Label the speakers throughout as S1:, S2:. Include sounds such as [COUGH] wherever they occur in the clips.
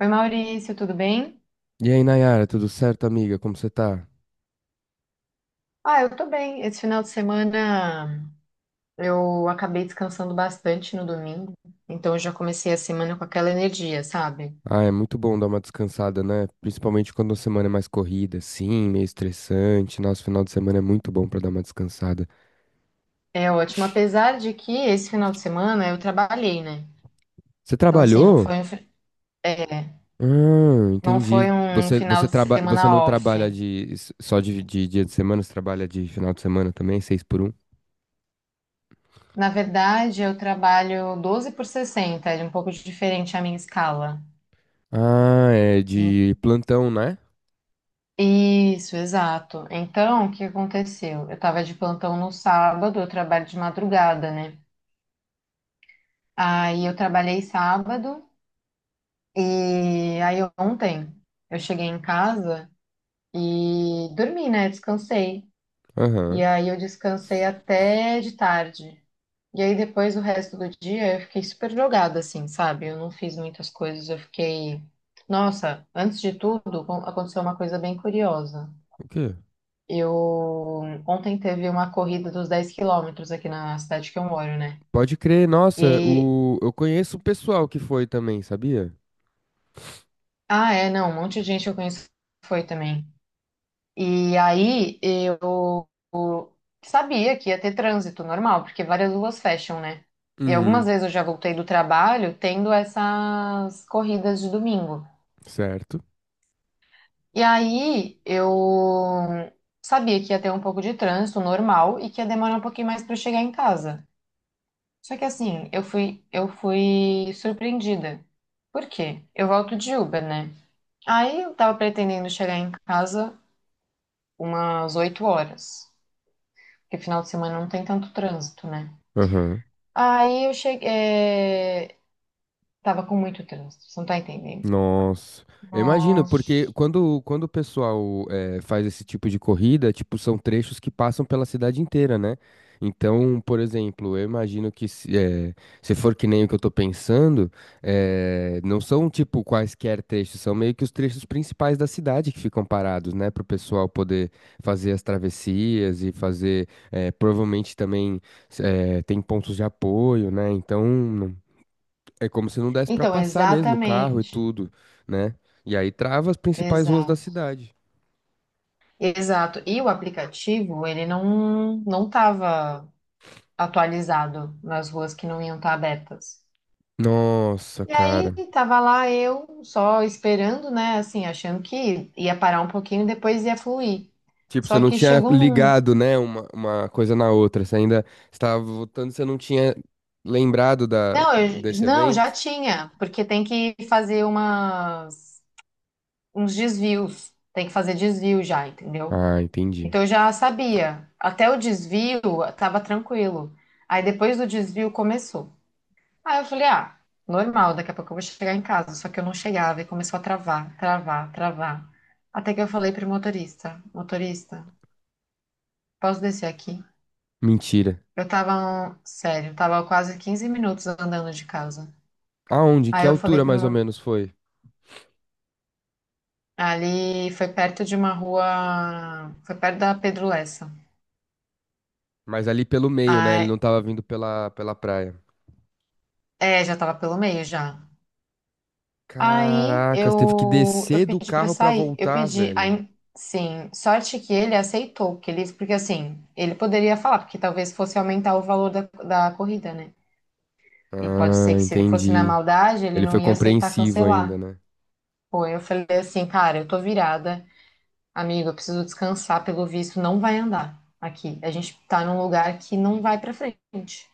S1: Oi, Maurício, tudo bem?
S2: E aí, Nayara, tudo certo, amiga? Como você tá?
S1: Ah, eu tô bem. Esse final de semana eu acabei descansando bastante no domingo, então eu já comecei a semana com aquela energia, sabe?
S2: Ah, é muito bom dar uma descansada, né? Principalmente quando a semana é mais corrida, sim, meio estressante. Nosso final de semana é muito bom pra dar uma descansada.
S1: É ótimo, apesar de que esse final de semana eu trabalhei, né?
S2: Você
S1: Então, assim, não
S2: trabalhou?
S1: foi um, fi- é,
S2: Ah,
S1: não
S2: entendi.
S1: foi um
S2: Você,
S1: final
S2: você,
S1: de semana
S2: você não
S1: off.
S2: trabalha só de dia de semana, você trabalha de final de semana também, 6 por 1?
S1: Na verdade, eu trabalho 12 por 60, é um pouco diferente a minha escala.
S2: Ah, é de plantão, né?
S1: Isso, exato. Então, o que aconteceu? Eu estava de plantão no sábado, eu trabalho de madrugada, né? Aí eu trabalhei sábado e aí ontem eu cheguei em casa e dormi, né? Descansei. E
S2: Aham.
S1: aí eu descansei até de tarde. E aí depois o resto do dia eu fiquei super jogada, assim, sabe? Eu não fiz muitas coisas, eu fiquei. Nossa, antes de tudo, aconteceu uma coisa bem curiosa.
S2: O quê?
S1: Eu ontem teve uma corrida dos 10 km aqui na cidade que eu moro, né?
S2: Pode crer, nossa,
S1: E
S2: eu conheço o pessoal que foi também, sabia?
S1: ah, é, não, um monte de gente que eu conheço foi também. E aí eu sabia que ia ter trânsito normal, porque várias ruas fecham, né? E algumas
S2: Uhum,
S1: vezes eu já voltei do trabalho tendo essas corridas de domingo.
S2: certo.
S1: E aí eu sabia que ia ter um pouco de trânsito normal e que ia demorar um pouquinho mais para chegar em casa. Só que assim, eu fui surpreendida. Por quê? Eu volto de Uber, né? Aí eu tava pretendendo chegar em casa umas 8 horas, porque final de semana não tem tanto trânsito, né?
S2: Aham.
S1: Aí eu cheguei. Tava com muito trânsito, você não tá entendendo?
S2: Nossa, eu imagino,
S1: Nossa.
S2: porque quando o pessoal faz esse tipo de corrida, tipo, são trechos que passam pela cidade inteira, né? Então, por exemplo, eu imagino que se for que nem o que eu tô pensando, não são tipo quaisquer trechos, são meio que os trechos principais da cidade que ficam parados, né? Para o pessoal poder fazer as travessias e fazer, provavelmente também tem pontos de apoio, né? Então, é como se não desse pra
S1: Então,
S2: passar mesmo o carro e
S1: exatamente.
S2: tudo, né? E aí trava as principais ruas da
S1: Exato.
S2: cidade.
S1: Exato. E o aplicativo, ele não, não tava atualizado nas ruas que não iam estar abertas.
S2: Nossa,
S1: E aí,
S2: cara.
S1: tava lá eu só esperando, né? Assim, achando que ia parar um pouquinho, e depois ia fluir.
S2: Tipo, você
S1: Só
S2: não
S1: que
S2: tinha
S1: chegou num.
S2: ligado, né, uma coisa na outra. Você ainda estava votando, você não tinha lembrado
S1: Não, eu-
S2: desse
S1: não, já
S2: evento?
S1: tinha, porque tem que fazer umas, uns desvios. Tem que fazer desvio já, entendeu?
S2: Ah, entendi.
S1: Então eu já sabia. Até o desvio tava tranquilo. Aí depois do desvio começou. Aí eu falei, ah, normal, daqui a pouco eu vou chegar em casa. Só que eu não chegava e começou a travar, travar, travar. Até que eu falei pro motorista, motorista, posso descer aqui?
S2: Mentira.
S1: Eu tava, sério, tava quase 15 minutos andando de casa.
S2: Aonde? Que
S1: Aí eu falei
S2: altura mais ou menos foi?
S1: ali foi perto de uma rua, foi perto da Pedro Lessa.
S2: Mas ali pelo meio, né? Ele
S1: Aí,
S2: não tava vindo pela, pela praia.
S1: é, já tava pelo meio já. Aí
S2: Caracas, teve que
S1: eu,
S2: descer
S1: eu
S2: do
S1: pedi pra
S2: carro pra
S1: sair. Eu
S2: voltar,
S1: pedi,
S2: velho.
S1: aí, sim, sorte que ele aceitou, que ele, porque assim, ele poderia falar, porque talvez fosse aumentar o valor da corrida, né? E pode ser
S2: Ah,
S1: que se ele fosse na
S2: entendi.
S1: maldade, ele
S2: Ele
S1: não
S2: foi
S1: ia aceitar
S2: compreensivo ainda,
S1: cancelar.
S2: né?
S1: Pô, eu falei assim, cara, eu tô virada, amigo, eu preciso descansar, pelo visto, não vai andar aqui. A gente tá num lugar que não vai pra frente.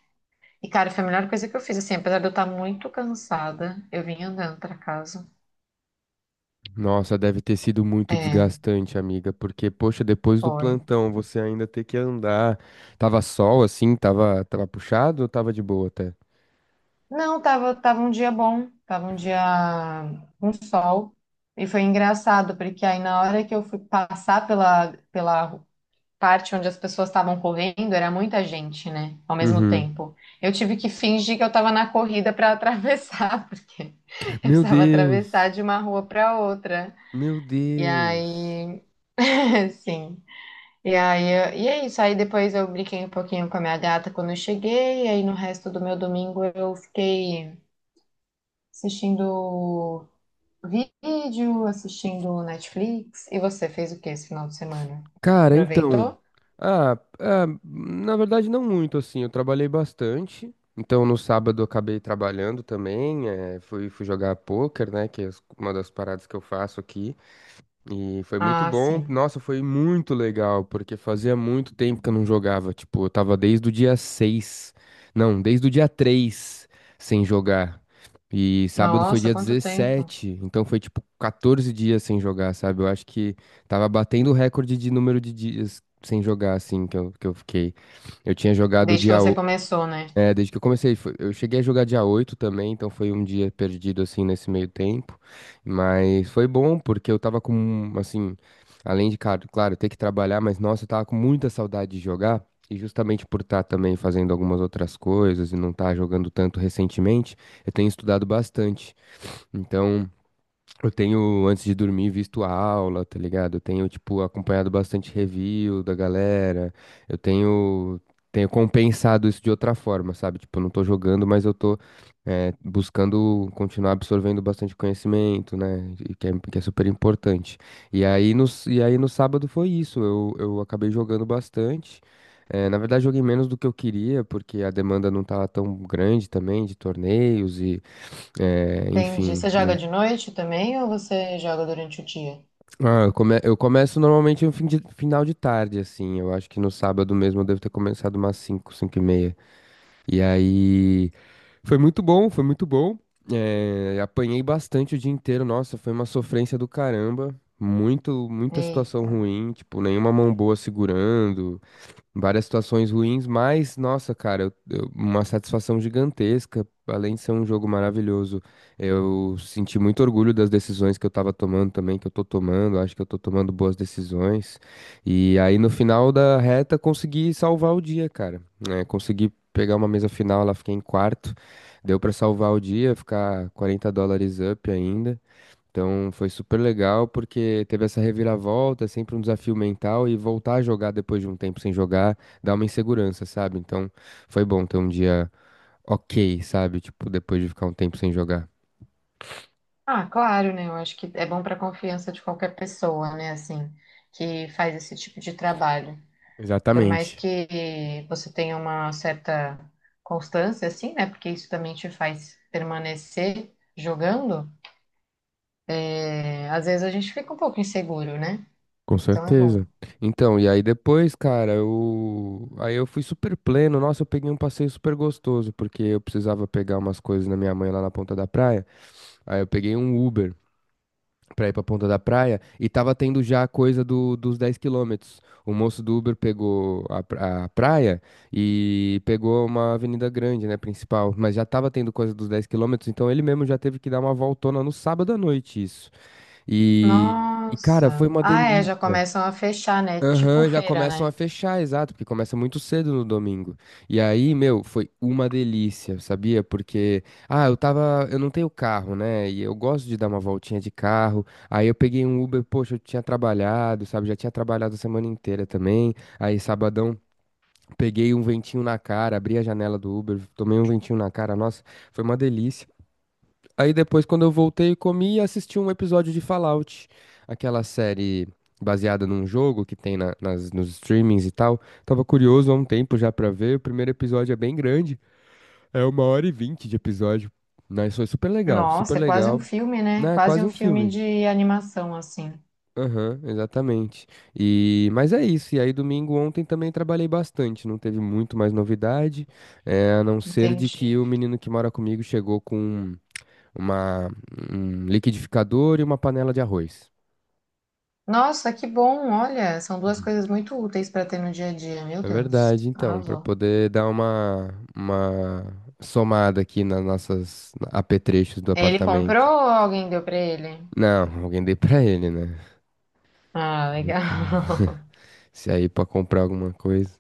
S1: E, cara, foi a melhor coisa que eu fiz, assim, apesar de eu estar muito cansada, eu vim andando pra casa.
S2: Nossa, deve ter sido muito
S1: É.
S2: desgastante, amiga, porque, poxa, depois do
S1: Foi.
S2: plantão você ainda ter que andar. Tava sol assim, tava puxado ou tava de boa até?
S1: Não, tava, tava um dia bom, tava um dia com sol. E foi engraçado, porque aí na hora que eu fui passar pela parte onde as pessoas estavam correndo, era muita gente, né? Ao mesmo
S2: Uhum.
S1: tempo. Eu tive que fingir que eu tava na corrida para atravessar, [LAUGHS] porque eu
S2: Meu
S1: precisava
S2: Deus!
S1: atravessar de uma rua para outra.
S2: Meu
S1: E
S2: Deus!
S1: aí, [LAUGHS] sim. E aí, e é isso. Aí depois eu brinquei um pouquinho com a minha gata quando eu cheguei, e aí no resto do meu domingo eu fiquei. Assistindo vídeo, assistindo Netflix. E você fez o que esse final de semana?
S2: Cara, então.
S1: Aproveitou?
S2: Ah, ah, na verdade, não muito assim. Eu trabalhei bastante. Então, no sábado, eu acabei trabalhando também. Fui jogar pôquer, né? Que é uma das paradas que eu faço aqui. E foi muito
S1: Ah,
S2: bom.
S1: sim.
S2: Nossa, foi muito legal, porque fazia muito tempo que eu não jogava. Tipo, eu tava desde o dia 6. Não, desde o dia 3 sem jogar. E sábado foi
S1: Nossa,
S2: dia
S1: quanto tempo.
S2: dezessete então foi tipo 14 dias sem jogar, sabe? Eu acho que tava batendo o recorde de número de dias sem jogar, assim, que eu fiquei. Eu tinha jogado
S1: Desde que você começou, né?
S2: desde que eu comecei, eu cheguei a jogar dia 8 também, então foi um dia perdido assim nesse meio tempo, mas foi bom porque eu tava com, assim, além de, claro, ter que trabalhar, mas nossa, eu tava com muita saudade de jogar e justamente por estar também fazendo algumas outras coisas e não estar jogando tanto recentemente, eu tenho estudado bastante. Então, eu tenho, antes de dormir, visto a aula, tá ligado? Eu tenho, tipo, acompanhado bastante review da galera. Eu tenho compensado isso de outra forma, sabe? Tipo, eu não tô jogando, mas eu tô, buscando continuar absorvendo bastante conhecimento, né? E que é super importante. E aí, no sábado foi isso. Eu acabei jogando bastante. Na verdade, joguei menos do que eu queria, porque a demanda não tava tão grande também de torneios e. É,
S1: Entendi.
S2: enfim,
S1: Você joga
S2: não.
S1: de noite também ou você joga durante o dia?
S2: Ah, eu começo normalmente no final de tarde, assim. Eu acho que no sábado mesmo eu devo ter começado umas 5h30. E aí foi muito bom, foi muito bom. Apanhei bastante o dia inteiro. Nossa, foi uma sofrência do caramba. Muito, muita situação
S1: Eita.
S2: ruim, tipo, nenhuma mão boa segurando várias situações ruins, mas, nossa, cara, uma satisfação gigantesca. Além de ser um jogo maravilhoso, eu senti muito orgulho das decisões que eu tava tomando também, que eu tô tomando. Acho que eu tô tomando boas decisões. E aí, no final da reta, consegui salvar o dia, cara, né? Consegui pegar uma mesa final, lá fiquei em quarto. Deu pra salvar o dia, ficar US$ 40 up ainda. Então foi super legal porque teve essa reviravolta, é sempre um desafio mental, e voltar a jogar depois de um tempo sem jogar dá uma insegurança, sabe? Então foi bom ter um dia ok, sabe? Tipo, depois de ficar um tempo sem jogar.
S1: Ah, claro, né? Eu acho que é bom para a confiança de qualquer pessoa, né? Assim, que faz esse tipo de trabalho. Por mais
S2: Exatamente.
S1: que você tenha uma certa constância, assim, né? Porque isso também te faz permanecer jogando. É, às vezes a gente fica um pouco inseguro, né?
S2: Com
S1: Então é bom.
S2: certeza. Então, e aí depois, cara, aí eu fui super pleno. Nossa, eu peguei um passeio super gostoso, porque eu precisava pegar umas coisas na minha mãe lá na ponta da praia. Aí eu peguei um Uber pra ir pra Ponta da Praia, e tava tendo já a coisa dos 10 km. O moço do Uber pegou a praia e pegou uma avenida grande, né, principal, mas já tava tendo coisa dos 10 km, então ele mesmo já teve que dar uma voltona no sábado à noite, isso. E, cara, foi
S1: Nossa.
S2: uma
S1: Ah, é, já
S2: delícia.
S1: começam a fechar, né? Tipo
S2: Ah, já
S1: feira,
S2: começam a
S1: né?
S2: fechar, exato, porque começa muito cedo no domingo. E aí, meu, foi uma delícia, sabia? Porque, ah, eu não tenho carro, né? E eu gosto de dar uma voltinha de carro. Aí eu peguei um Uber, poxa, eu tinha trabalhado, sabe? Já tinha trabalhado a semana inteira também. Aí sabadão peguei um ventinho na cara, abri a janela do Uber, tomei um ventinho na cara. Nossa, foi uma delícia. Aí depois, quando eu voltei, comi e assisti um episódio de Fallout, aquela série baseada num jogo que tem nos streamings e tal. Tava curioso há um tempo já pra ver. O primeiro episódio é bem grande, é 1h20 de episódio. Mas foi super legal, super
S1: Nossa, é quase um
S2: legal.
S1: filme, né?
S2: Né,
S1: Quase
S2: quase
S1: um
S2: um
S1: filme
S2: filme.
S1: de animação, assim.
S2: Aham, exatamente. E mas é isso. E aí domingo ontem também trabalhei bastante, não teve muito mais novidade, a não ser de que
S1: Entendi.
S2: o menino que mora comigo chegou com uma, um liquidificador e uma panela de arroz.
S1: Nossa, que bom. Olha, são duas
S2: Uhum.
S1: coisas muito úteis para ter no dia a dia. Meu
S2: É
S1: Deus,
S2: verdade, então, para
S1: arrasou.
S2: poder dar uma somada aqui nas nossas apetrechos do
S1: Ele
S2: apartamento.
S1: comprou ou alguém deu para ele?
S2: Não, alguém dei pra ele, né?
S1: Ah,
S2: Eu com-
S1: legal. [LAUGHS]
S2: Se aí pra comprar alguma coisa.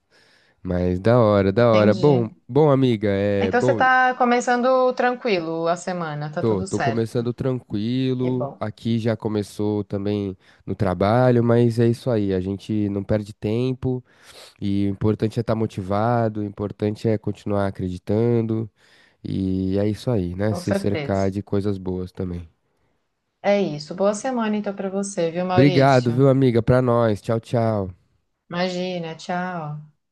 S2: Mas da hora, da hora.
S1: Entendi.
S2: Bom, bom, amiga, é
S1: Então você
S2: bom.
S1: está começando tranquilo a semana, tá
S2: Tô,
S1: tudo
S2: tô
S1: certo.
S2: começando
S1: Que
S2: tranquilo.
S1: bom,
S2: Aqui já começou também no trabalho, mas é isso aí. A gente não perde tempo. E o importante é estar motivado, o importante é continuar acreditando. E é isso aí, né?
S1: com
S2: Se cercar
S1: certeza.
S2: de coisas boas também.
S1: É isso. Boa semana então para você, viu,
S2: Obrigado,
S1: Maurício?
S2: viu, amiga? Pra nós. Tchau, tchau.
S1: Imagina, tchau.